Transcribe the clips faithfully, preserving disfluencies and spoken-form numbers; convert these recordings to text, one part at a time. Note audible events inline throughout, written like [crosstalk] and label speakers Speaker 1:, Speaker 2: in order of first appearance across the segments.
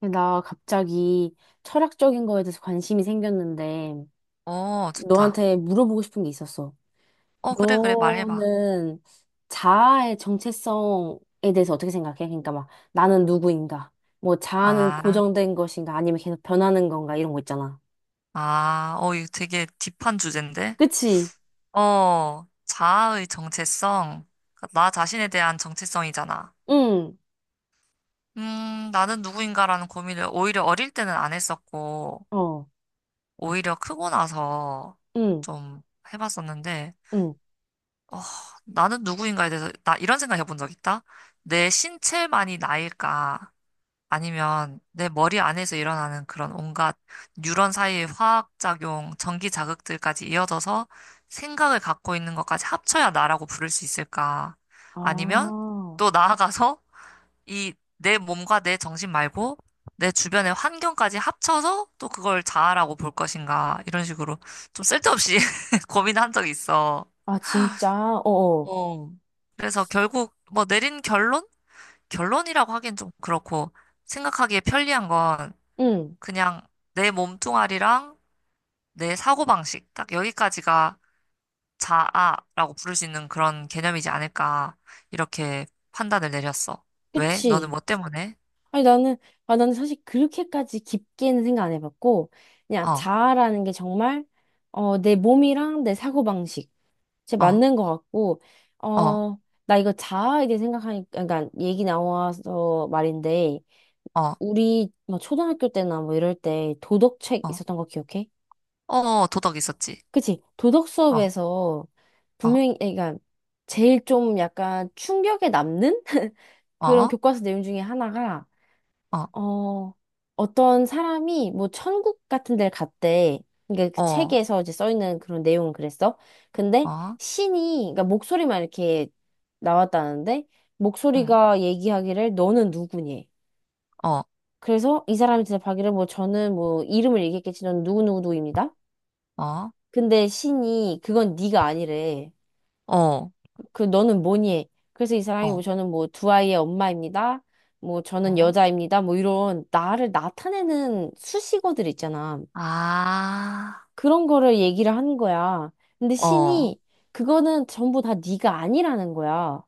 Speaker 1: 나 갑자기 철학적인 거에 대해서 관심이 생겼는데,
Speaker 2: 오, 좋다.
Speaker 1: 너한테 물어보고 싶은 게 있었어.
Speaker 2: 어, 그래, 그래, 말해봐.
Speaker 1: 너는 자아의 정체성에 대해서 어떻게 생각해? 그러니까 막, 나는 누구인가? 뭐, 자아는
Speaker 2: 아,
Speaker 1: 고정된 것인가? 아니면 계속 변하는 건가? 이런 거 있잖아.
Speaker 2: 아, 어, 이거 되게 딥한 주제인데?
Speaker 1: 그치?
Speaker 2: 어, 자아의 정체성. 나 자신에 대한 정체성이잖아.
Speaker 1: 응,
Speaker 2: 음, 나는 누구인가라는 고민을 오히려 어릴 때는 안 했었고,
Speaker 1: 어,
Speaker 2: 오히려 크고 나서
Speaker 1: 응,
Speaker 2: 좀 해봤었는데,
Speaker 1: 응.
Speaker 2: 어, 나는 누구인가에 대해서, 나 이런 생각 해본 적 있다? 내 신체만이 나일까? 아니면 내 머리 안에서 일어나는 그런 온갖 뉴런 사이의 화학작용, 전기 자극들까지 이어져서 생각을 갖고 있는 것까지 합쳐야 나라고 부를 수 있을까? 아니면
Speaker 1: 아,
Speaker 2: 또 나아가서 이 내 몸과 내 정신 말고 내 주변의 환경까지 합쳐서 또 그걸 자아라고 볼 것인가? 이런 식으로 좀 쓸데없이 [laughs] 고민한 적이 있어.
Speaker 1: 아, 진짜? 어어.
Speaker 2: 어. 그래서 결국 뭐 내린 결론? 결론이라고 하긴 좀 그렇고 생각하기에 편리한 건
Speaker 1: 응,
Speaker 2: 그냥 내 몸뚱아리랑 내 사고방식, 딱 여기까지가 자아라고 부를 수 있는 그런 개념이지 않을까, 이렇게 판단을 내렸어. 왜? 너는
Speaker 1: 그치?
Speaker 2: 뭐 때문에?
Speaker 1: 아니, 나는, 아, 나는 사실 그렇게까지 깊게는 생각 안 해봤고, 그냥
Speaker 2: 어,
Speaker 1: 자아라는 게 정말, 어, 내 몸이랑 내 사고방식, 제
Speaker 2: 어,
Speaker 1: 맞는 것 같고,
Speaker 2: 어,
Speaker 1: 어, 나 이거 자아에 대해 생각하니까, 그러니까 얘기 나와서 말인데,
Speaker 2: 어,
Speaker 1: 우리 뭐 초등학교 때나 뭐 이럴 때 도덕책
Speaker 2: 어,
Speaker 1: 있었던 거 기억해?
Speaker 2: 어, 어, 도덕 있었지.
Speaker 1: 그치? 도덕
Speaker 2: 어,
Speaker 1: 수업에서
Speaker 2: 어,
Speaker 1: 분명히, 그러니까 제일 좀 약간 충격에 남는 [laughs] 그런
Speaker 2: 어,
Speaker 1: 교과서 내용 중에 하나가
Speaker 2: 어,
Speaker 1: 어, 어떤 사람이 뭐 천국 같은 데를 갔대. 그러니까 그
Speaker 2: 어,
Speaker 1: 책에서 이제 써 있는 그런 내용은 그랬어. 근데
Speaker 2: 어,
Speaker 1: 신이, 그러니까 목소리만 이렇게 나왔다는데,
Speaker 2: 응,
Speaker 1: 목소리가 얘기하기를 너는 누구니?
Speaker 2: 어,
Speaker 1: 그래서 이 사람이 대답하기를 뭐 저는 뭐 이름을 얘기했겠지, 넌 누구누구누구입니다.
Speaker 2: 어, 어,
Speaker 1: 근데 신이 그건 네가 아니래.
Speaker 2: 어,
Speaker 1: 그 너는 뭐니? 해? 그래서 이 사람이 뭐
Speaker 2: 어,
Speaker 1: 저는 뭐 두 아이의 엄마입니다. 뭐 저는
Speaker 2: 어.
Speaker 1: 여자입니다. 뭐 이런 나를 나타내는 수식어들 있잖아.
Speaker 2: 아,
Speaker 1: 그런 거를 얘기를 하는 거야. 근데
Speaker 2: 어,
Speaker 1: 신이 그거는 전부 다 네가 아니라는 거야.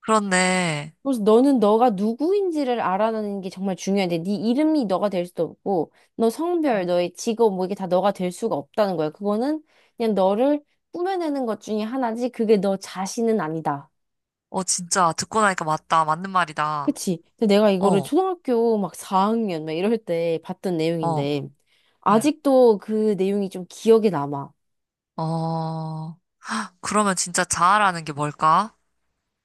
Speaker 2: 그렇네.
Speaker 1: 그래서 너는 너가 누구인지를 알아내는 게 정말 중요한데 네 이름이 너가 될 수도 없고 너 성별, 너의 직업 뭐 이게 다 너가 될 수가 없다는 거야. 그거는 그냥 너를 꾸며내는 것 중에 하나지 그게 너 자신은 아니다.
Speaker 2: 어, 진짜 듣고 나니까 맞다. 맞는 말이다.
Speaker 1: 그치? 근데 내가 이거를
Speaker 2: 어,
Speaker 1: 초등학교 막 사 학년 막 이럴 때 봤던
Speaker 2: 어.
Speaker 1: 내용인데,
Speaker 2: 응.
Speaker 1: 아직도 그 내용이 좀 기억에 남아.
Speaker 2: 어, 그러면 진짜 자아라는 게 뭘까?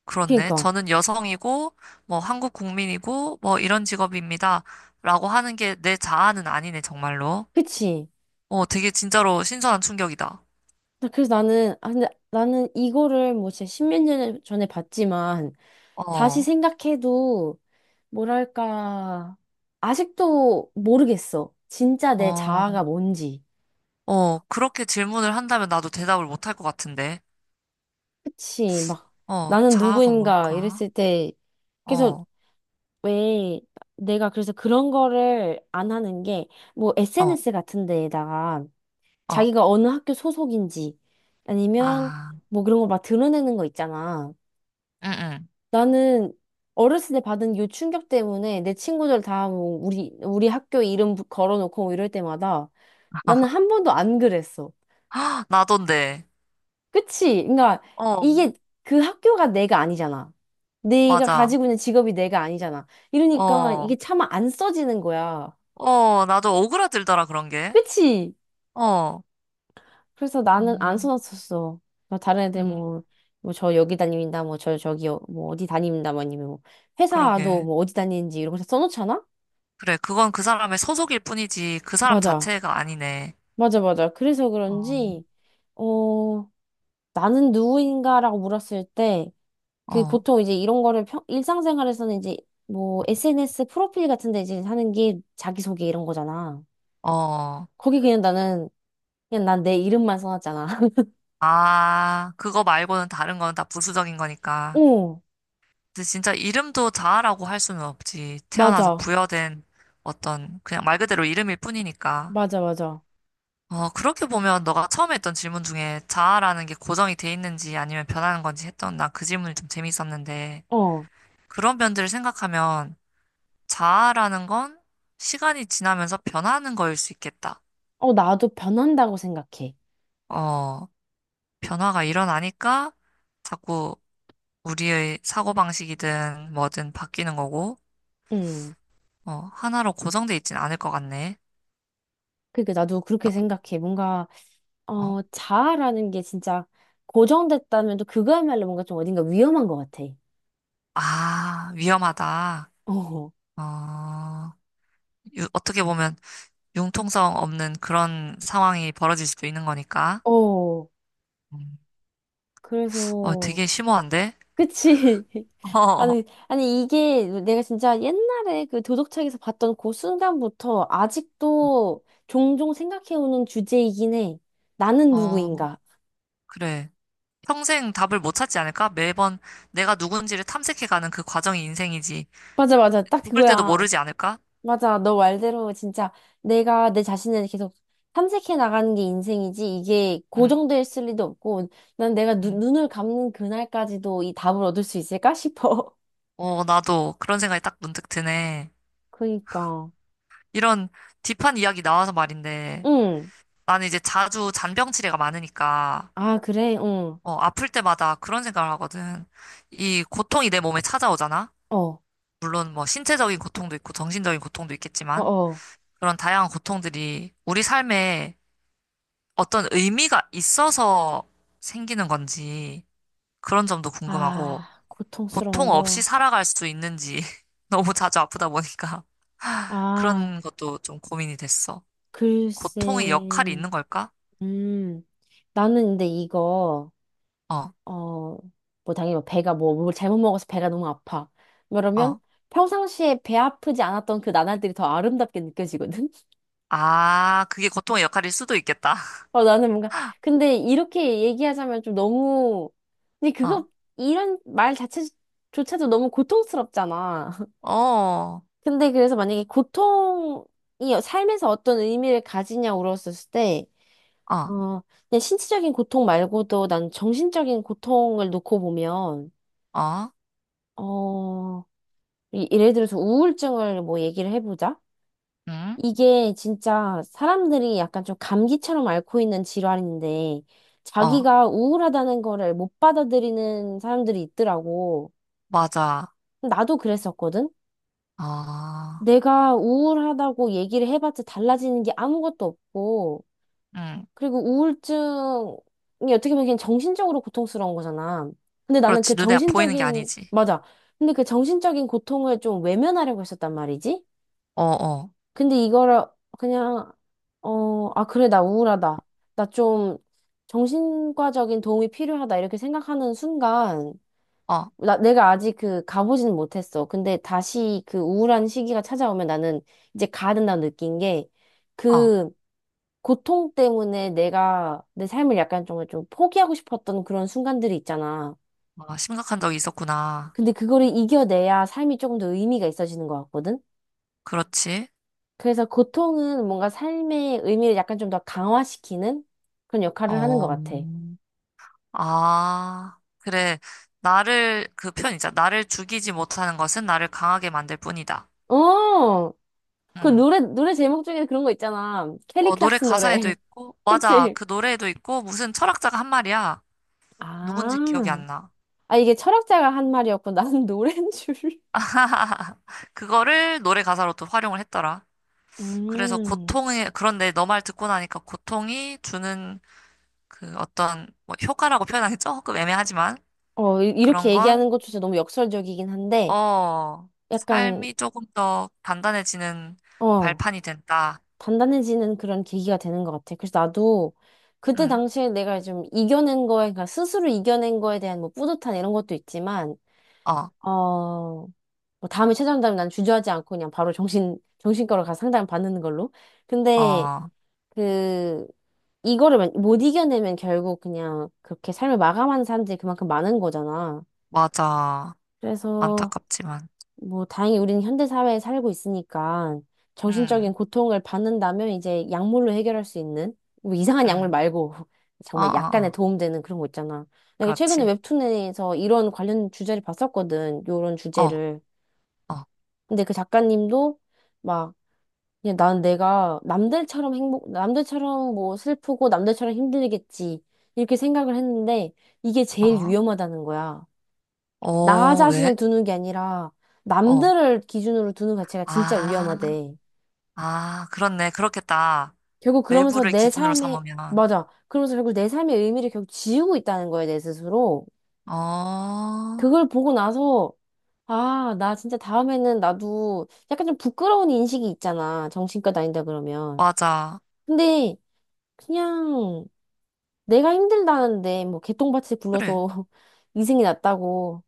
Speaker 2: 그렇네.
Speaker 1: 그니까.
Speaker 2: 저는 여성이고, 뭐, 한국 국민이고, 뭐, 이런 직업입니다. 라고 하는 게 내 자아는 아니네, 정말로.
Speaker 1: 그치?
Speaker 2: 어, 되게 진짜로 신선한 충격이다.
Speaker 1: 나- 그래서 나는, 아, 근데 나는 이거를 뭐 진짜 십몇 년 전에 봤지만, 다시
Speaker 2: 어,
Speaker 1: 생각해도, 뭐랄까, 아직도 모르겠어. 진짜 내
Speaker 2: 어,
Speaker 1: 자아가 뭔지.
Speaker 2: 어, 그렇게 질문을 한다면 나도 대답을 못 할 것 같은데.
Speaker 1: 그치? 막,
Speaker 2: 어,
Speaker 1: 나는
Speaker 2: 자아가
Speaker 1: 누구인가
Speaker 2: 뭘까?
Speaker 1: 이랬을 때, 그래서
Speaker 2: 어,
Speaker 1: 왜 내가 그래서 그런 거를 안 하는 게 뭐
Speaker 2: 어,
Speaker 1: 에스엔에스 같은 데에다가
Speaker 2: 어,
Speaker 1: 자기가 어느 학교 소속인지 아니면
Speaker 2: 아,
Speaker 1: 뭐 그런 거 막 드러내는 거 있잖아.
Speaker 2: 응, 응.
Speaker 1: 나는 어렸을 때 받은 요 충격 때문에 내 친구들 다 뭐 우리 우리 학교 이름 부- 걸어놓고 뭐 이럴 때마다 나는 한 번도 안 그랬어.
Speaker 2: 헉, 나던데.
Speaker 1: 그치? 그러니까
Speaker 2: 어,
Speaker 1: 이게 그 학교가 내가 아니잖아. 내가
Speaker 2: 맞아.
Speaker 1: 가지고 있는 직업이 내가 아니잖아. 이러니까
Speaker 2: 어,
Speaker 1: 이게 차마 안 써지는 거야.
Speaker 2: 어, 나도 오그라들더라, 그런 게.
Speaker 1: 그치?
Speaker 2: 어.
Speaker 1: 그래서 나는 안
Speaker 2: 음,
Speaker 1: 써놨었어. 막 다른 애들
Speaker 2: 음,
Speaker 1: 뭐, 뭐 저 여기 다닙니다. 뭐 저 저기 어- 뭐 어디 다닙니다. 뭐 아니면 뭐 회사도
Speaker 2: 그러게.
Speaker 1: 뭐 어디 다니는지 이런 거 다 써놓잖아?
Speaker 2: 그래, 그건 그 사람의 소속일 뿐이지, 그 사람
Speaker 1: 맞아.
Speaker 2: 자체가 아니네.
Speaker 1: 맞아, 맞아. 그래서
Speaker 2: 어,
Speaker 1: 그런지, 어, 나는 누구인가라고 물었을 때, 그
Speaker 2: 어,
Speaker 1: 보통 이제 이런 거를 평, 일상생활에서는 이제 뭐 에스엔에스 프로필 같은 데 이제 하는 게 자기소개 이런 거잖아.
Speaker 2: 어.
Speaker 1: 거기 그냥 나는, 그냥 난 내 이름만 써놨잖아. [laughs]
Speaker 2: 아, 그거 말고는 다른 건 다 부수적인 거니까.
Speaker 1: 어,
Speaker 2: 근데 진짜 이름도 자아라고 할 수는 없지. 태어나서
Speaker 1: 맞아.
Speaker 2: 부여된 어떤, 그냥 말 그대로 이름일 뿐이니까.
Speaker 1: 맞아, 맞아.
Speaker 2: 어, 그렇게 보면 너가 처음에 했던 질문 중에 자아라는 게 고정이 돼 있는지 아니면 변하는 건지 했던 난 그 질문이 좀 재밌었는데,
Speaker 1: 어.
Speaker 2: 그런 면들을 생각하면 자아라는 건 시간이 지나면서 변하는 거일 수 있겠다.
Speaker 1: 어, 나도 변한다고 생각해.
Speaker 2: 어, 변화가 일어나니까 자꾸 우리의 사고방식이든 뭐든 바뀌는 거고,
Speaker 1: 음.
Speaker 2: 어, 하나로 고정돼 있진 않을 것 같네.
Speaker 1: 그러니까 나도 그렇게 생각해. 뭔가,
Speaker 2: 어, 어.
Speaker 1: 어, 자아라는 게 진짜 고정됐다면 또 그거야말로 뭔가 좀 어딘가 위험한 것 같아.
Speaker 2: 아, 위험하다.
Speaker 1: 어,
Speaker 2: 어, 유- 어떻게 보면 융통성 없는 그런 상황이 벌어질 수도 있는 거니까.
Speaker 1: 어.
Speaker 2: 음. 어,
Speaker 1: 그래서,
Speaker 2: 되게 심오한데?
Speaker 1: 그치. [laughs]
Speaker 2: [laughs] 어,
Speaker 1: 아니, 아니, 이게 내가 진짜 옛날에 그 도덕책에서 봤던 그 순간부터 아직도 종종 생각해오는 주제이긴 해. 나는
Speaker 2: 어,
Speaker 1: 누구인가?
Speaker 2: 그래. 평생 답을 못 찾지 않을까? 매번 내가 누군지를 탐색해가는 그 과정이 인생이지.
Speaker 1: 맞아, 맞아. 딱
Speaker 2: 죽을 때도
Speaker 1: 그거야.
Speaker 2: 모르지 않을까?
Speaker 1: 맞아. 너 말대로 진짜 내가 내 자신을 계속 탐색해 나가는 게 인생이지 이게
Speaker 2: 응,
Speaker 1: 고정될 있을 리도 없고 난 내가 눈,
Speaker 2: 응.
Speaker 1: 눈을 감는 그날까지도 이 답을 얻을 수 있을까 싶어.
Speaker 2: 어, 나도 그런 생각이 딱 문득 드네.
Speaker 1: [laughs] 그니까.
Speaker 2: 이런 딥한 이야기 나와서 말인데,
Speaker 1: 응.
Speaker 2: 나는 이제 자주 잔병치레가 많으니까,
Speaker 1: 아, 그래? 응.
Speaker 2: 어, 아플 때마다 그런 생각을 하거든. 이 고통이 내 몸에 찾아오잖아?
Speaker 1: 어.
Speaker 2: 물론 뭐 신체적인 고통도 있고 정신적인 고통도
Speaker 1: 어,
Speaker 2: 있겠지만,
Speaker 1: 어.
Speaker 2: 그런 다양한 고통들이 우리 삶에 어떤 의미가 있어서 생기는 건지, 그런 점도 궁금하고,
Speaker 1: 아, 고통스러운
Speaker 2: 고통 없이
Speaker 1: 거.
Speaker 2: 살아갈 수 있는지 [laughs] 너무 자주 아프다 보니까 [laughs]
Speaker 1: 아,
Speaker 2: 그런 것도 좀 고민이 됐어.
Speaker 1: 글쎄.
Speaker 2: 고통의 역할이 있는 걸까?
Speaker 1: 음. 나는 근데 이거
Speaker 2: 어,
Speaker 1: 어, 뭐 당연히 뭐 배가 뭐 뭘 잘못 먹어서 배가 너무 아파. 그러면
Speaker 2: 어.
Speaker 1: 평상시에 배 아프지 않았던 그 나날들이 더 아름답게 느껴지거든. [laughs]
Speaker 2: 아, 그게 고통의 역할일 수도 있겠다. [laughs]
Speaker 1: 어, 나는 뭔가 근데 이렇게 얘기하자면 좀 너무 근데
Speaker 2: 어,
Speaker 1: 그거 이런 말 자체조차도 너무 고통스럽잖아. [laughs]
Speaker 2: 어,
Speaker 1: 근데 그래서 만약에 고통이 삶에서 어떤 의미를 가지냐 물었었을 때
Speaker 2: 어,
Speaker 1: 어, 그냥 신체적인 고통 말고도 난 정신적인 고통을 놓고 보면
Speaker 2: 어,
Speaker 1: 어 이- 예를 들어서 우울증을 뭐 얘기를 해보자.
Speaker 2: 응,
Speaker 1: 이게 진짜 사람들이 약간 좀 감기처럼 앓고 있는 질환인데
Speaker 2: 어,
Speaker 1: 자기가 우울하다는 거를 못 받아들이는 사람들이 있더라고.
Speaker 2: 맞아.
Speaker 1: 나도 그랬었거든.
Speaker 2: 어,
Speaker 1: 내가 우울하다고 얘기를 해봤자 달라지는 게 아무것도 없고
Speaker 2: 응.
Speaker 1: 그리고 우울증이 어떻게 보면 그냥 정신적으로 고통스러운 거잖아. 근데 나는 그
Speaker 2: 그렇지. 눈에 보이는 게
Speaker 1: 정신적인
Speaker 2: 아니지.
Speaker 1: 맞아. 근데 그 정신적인 고통을 좀 외면하려고 했었단 말이지.
Speaker 2: 어, 어,
Speaker 1: 근데 이거를 그냥, 어, 아, 그래, 나 우울하다. 나 좀 정신과적인 도움이 필요하다. 이렇게 생각하는 순간,
Speaker 2: 어,
Speaker 1: 나, 내가 아직 그 가보지는 못했어. 근데 다시 그 우울한 시기가 찾아오면 나는 이제 가야 된다고 느낀 게,
Speaker 2: 어.
Speaker 1: 그 고통 때문에 내가 내 삶을 약간 정말 좀 포기하고 싶었던 그런 순간들이 있잖아.
Speaker 2: 아, 심각한 적이 있었구나.
Speaker 1: 근데 그거를 이겨내야 삶이 조금 더 의미가 있어지는 것 같거든?
Speaker 2: 그렇지.
Speaker 1: 그래서 고통은 뭔가 삶의 의미를 약간 좀 더 강화시키는 그런 역할을 하는 것
Speaker 2: 어.
Speaker 1: 같아.
Speaker 2: 아, 그래. 나를, 그 편 있잖아. 나를 죽이지 못하는 것은 나를 강하게 만들 뿐이다.
Speaker 1: 어, 그
Speaker 2: 응.
Speaker 1: 노래, 노래 제목 중에 그런 거 있잖아.
Speaker 2: 어, 노래
Speaker 1: 켈리클락스
Speaker 2: 가사에도
Speaker 1: 노래.
Speaker 2: 있고,
Speaker 1: [laughs]
Speaker 2: 맞아.
Speaker 1: 그치?
Speaker 2: 그 노래에도 있고, 무슨 철학자가 한 말이야.
Speaker 1: 아,
Speaker 2: 누군지 기억이 안 나.
Speaker 1: 아, 이게 철학자가 한 말이었고, 나는 [laughs] 노래인 줄.
Speaker 2: [laughs] 그거를 노래 가사로 또 활용을 했더라. 그래서
Speaker 1: 음,
Speaker 2: 고통에, 그런데 너 말 듣고 나니까 고통이 주는 그 어떤, 뭐, 효과라고 표현하기 조금 애매하지만,
Speaker 1: 어, 이-
Speaker 2: 그런
Speaker 1: 이렇게
Speaker 2: 건,
Speaker 1: 얘기하는 것조차 너무 역설적이긴 한데,
Speaker 2: 어,
Speaker 1: 약간,
Speaker 2: 삶이 조금 더 단단해지는
Speaker 1: 어,
Speaker 2: 발판이 된다.
Speaker 1: 단단해지는 그런 계기가 되는 것 같아. 그래서 나도 그때
Speaker 2: 응,
Speaker 1: 당시에 내가 좀 이겨낸 거에, 그러니까 스스로 이겨낸 거에 대한 뭐 뿌듯한 이런 것도 있지만,
Speaker 2: 어,
Speaker 1: 어, 뭐 다음에 찾아온다면 난 주저하지 않고 그냥 바로 정신, 정신과로 가서 상담 받는 걸로. 근데,
Speaker 2: 어,
Speaker 1: 그, 이거를 만- 못 이겨내면 결국 그냥 그렇게 삶을 마감하는 사람들이 그만큼 많은 거잖아.
Speaker 2: 맞아.
Speaker 1: 그래서,
Speaker 2: 안타깝지만.
Speaker 1: 뭐, 다행히 우리는 현대사회에 살고 있으니까 정신적인
Speaker 2: 응,
Speaker 1: 고통을 받는다면 이제 약물로 해결할 수 있는, 뭐 이상한 약물
Speaker 2: 응,
Speaker 1: 말고 [laughs]
Speaker 2: 어, 어,
Speaker 1: 정말 약간의
Speaker 2: 어,
Speaker 1: 도움되는 그런 거 있잖아. 내가 최근에
Speaker 2: 그렇지.
Speaker 1: 웹툰에서 이런 관련 주제를 봤었거든. 요런
Speaker 2: 어,
Speaker 1: 주제를.
Speaker 2: 어,
Speaker 1: 근데 그 작가님도 막 그냥 난 내가 남들처럼 행복, 남들처럼 뭐 슬프고 남들처럼 힘들겠지. 이렇게 생각을 했는데 이게 제일
Speaker 2: 어,
Speaker 1: 위험하다는 거야. 나
Speaker 2: 어,
Speaker 1: 자신을
Speaker 2: 왜?
Speaker 1: 두는 게 아니라
Speaker 2: 어,
Speaker 1: 남들을 기준으로 두는 자체가 진짜
Speaker 2: 아,
Speaker 1: 위험하대.
Speaker 2: 아, 그렇네. 그렇겠다.
Speaker 1: 결국 그러면서
Speaker 2: 외부를
Speaker 1: 내
Speaker 2: 기준으로
Speaker 1: 삶에,
Speaker 2: 삼으면.
Speaker 1: 맞아. 그러면서 결국 내 삶의 의미를 결국 지우고 있다는 거야, 내 스스로.
Speaker 2: 어,
Speaker 1: 그걸 보고 나서 아, 나 진짜 다음에는 나도 약간 좀 부끄러운 인식이 있잖아. 정신과 다닌다 그러면.
Speaker 2: 맞아.
Speaker 1: 근데 그냥 내가 힘들다는데 뭐 개똥밭을
Speaker 2: 그래,
Speaker 1: 굴러서 [laughs] 이승이 났다고.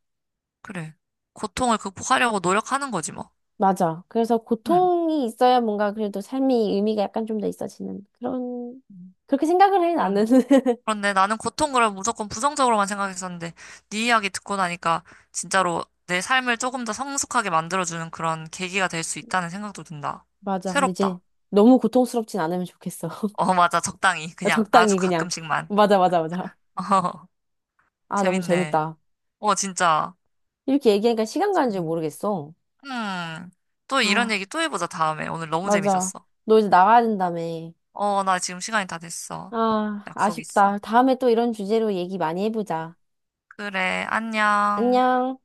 Speaker 2: 그래. 고통을 극복하려고 노력하는 거지, 뭐.
Speaker 1: 맞아. 그래서
Speaker 2: 응,
Speaker 1: 고통이 있어야 뭔가 그래도 삶이 의미가 약간 좀 더 있어지는 그런 그렇게 생각을 해 나는.
Speaker 2: 응,
Speaker 1: [laughs]
Speaker 2: 그런데 나는 고통을 무조건 부정적으로만 생각했었는데 네 이야기 듣고 나니까 진짜로 내 삶을 조금 더 성숙하게 만들어주는 그런 계기가 될 수 있다는 생각도 든다.
Speaker 1: 맞아. 근데
Speaker 2: 새롭다.
Speaker 1: 이제 너무 고통스럽진 않으면 좋겠어.
Speaker 2: 어, [laughs] 맞아. 적당히.
Speaker 1: [laughs]
Speaker 2: 그냥 아주
Speaker 1: 적당히 그냥.
Speaker 2: 가끔씩만.
Speaker 1: 맞아, 맞아, 맞아.
Speaker 2: [laughs]
Speaker 1: 아, 너무
Speaker 2: 재밌네.
Speaker 1: 재밌다.
Speaker 2: 어, 진짜.
Speaker 1: 이렇게 얘기하니까 시간 가는 줄 모르겠어.
Speaker 2: 음, 또 이런
Speaker 1: 아,
Speaker 2: 얘기 또 해보자, 다음에. 오늘 너무
Speaker 1: 맞아.
Speaker 2: 재밌었어.
Speaker 1: 너 이제 나가야 된다며.
Speaker 2: 어, 나 지금 시간이 다 됐어.
Speaker 1: 아,
Speaker 2: 약속 있어.
Speaker 1: 아쉽다. 다음에 또 이런 주제로 얘기 많이 해보자.
Speaker 2: 그래, 안녕.
Speaker 1: 안녕.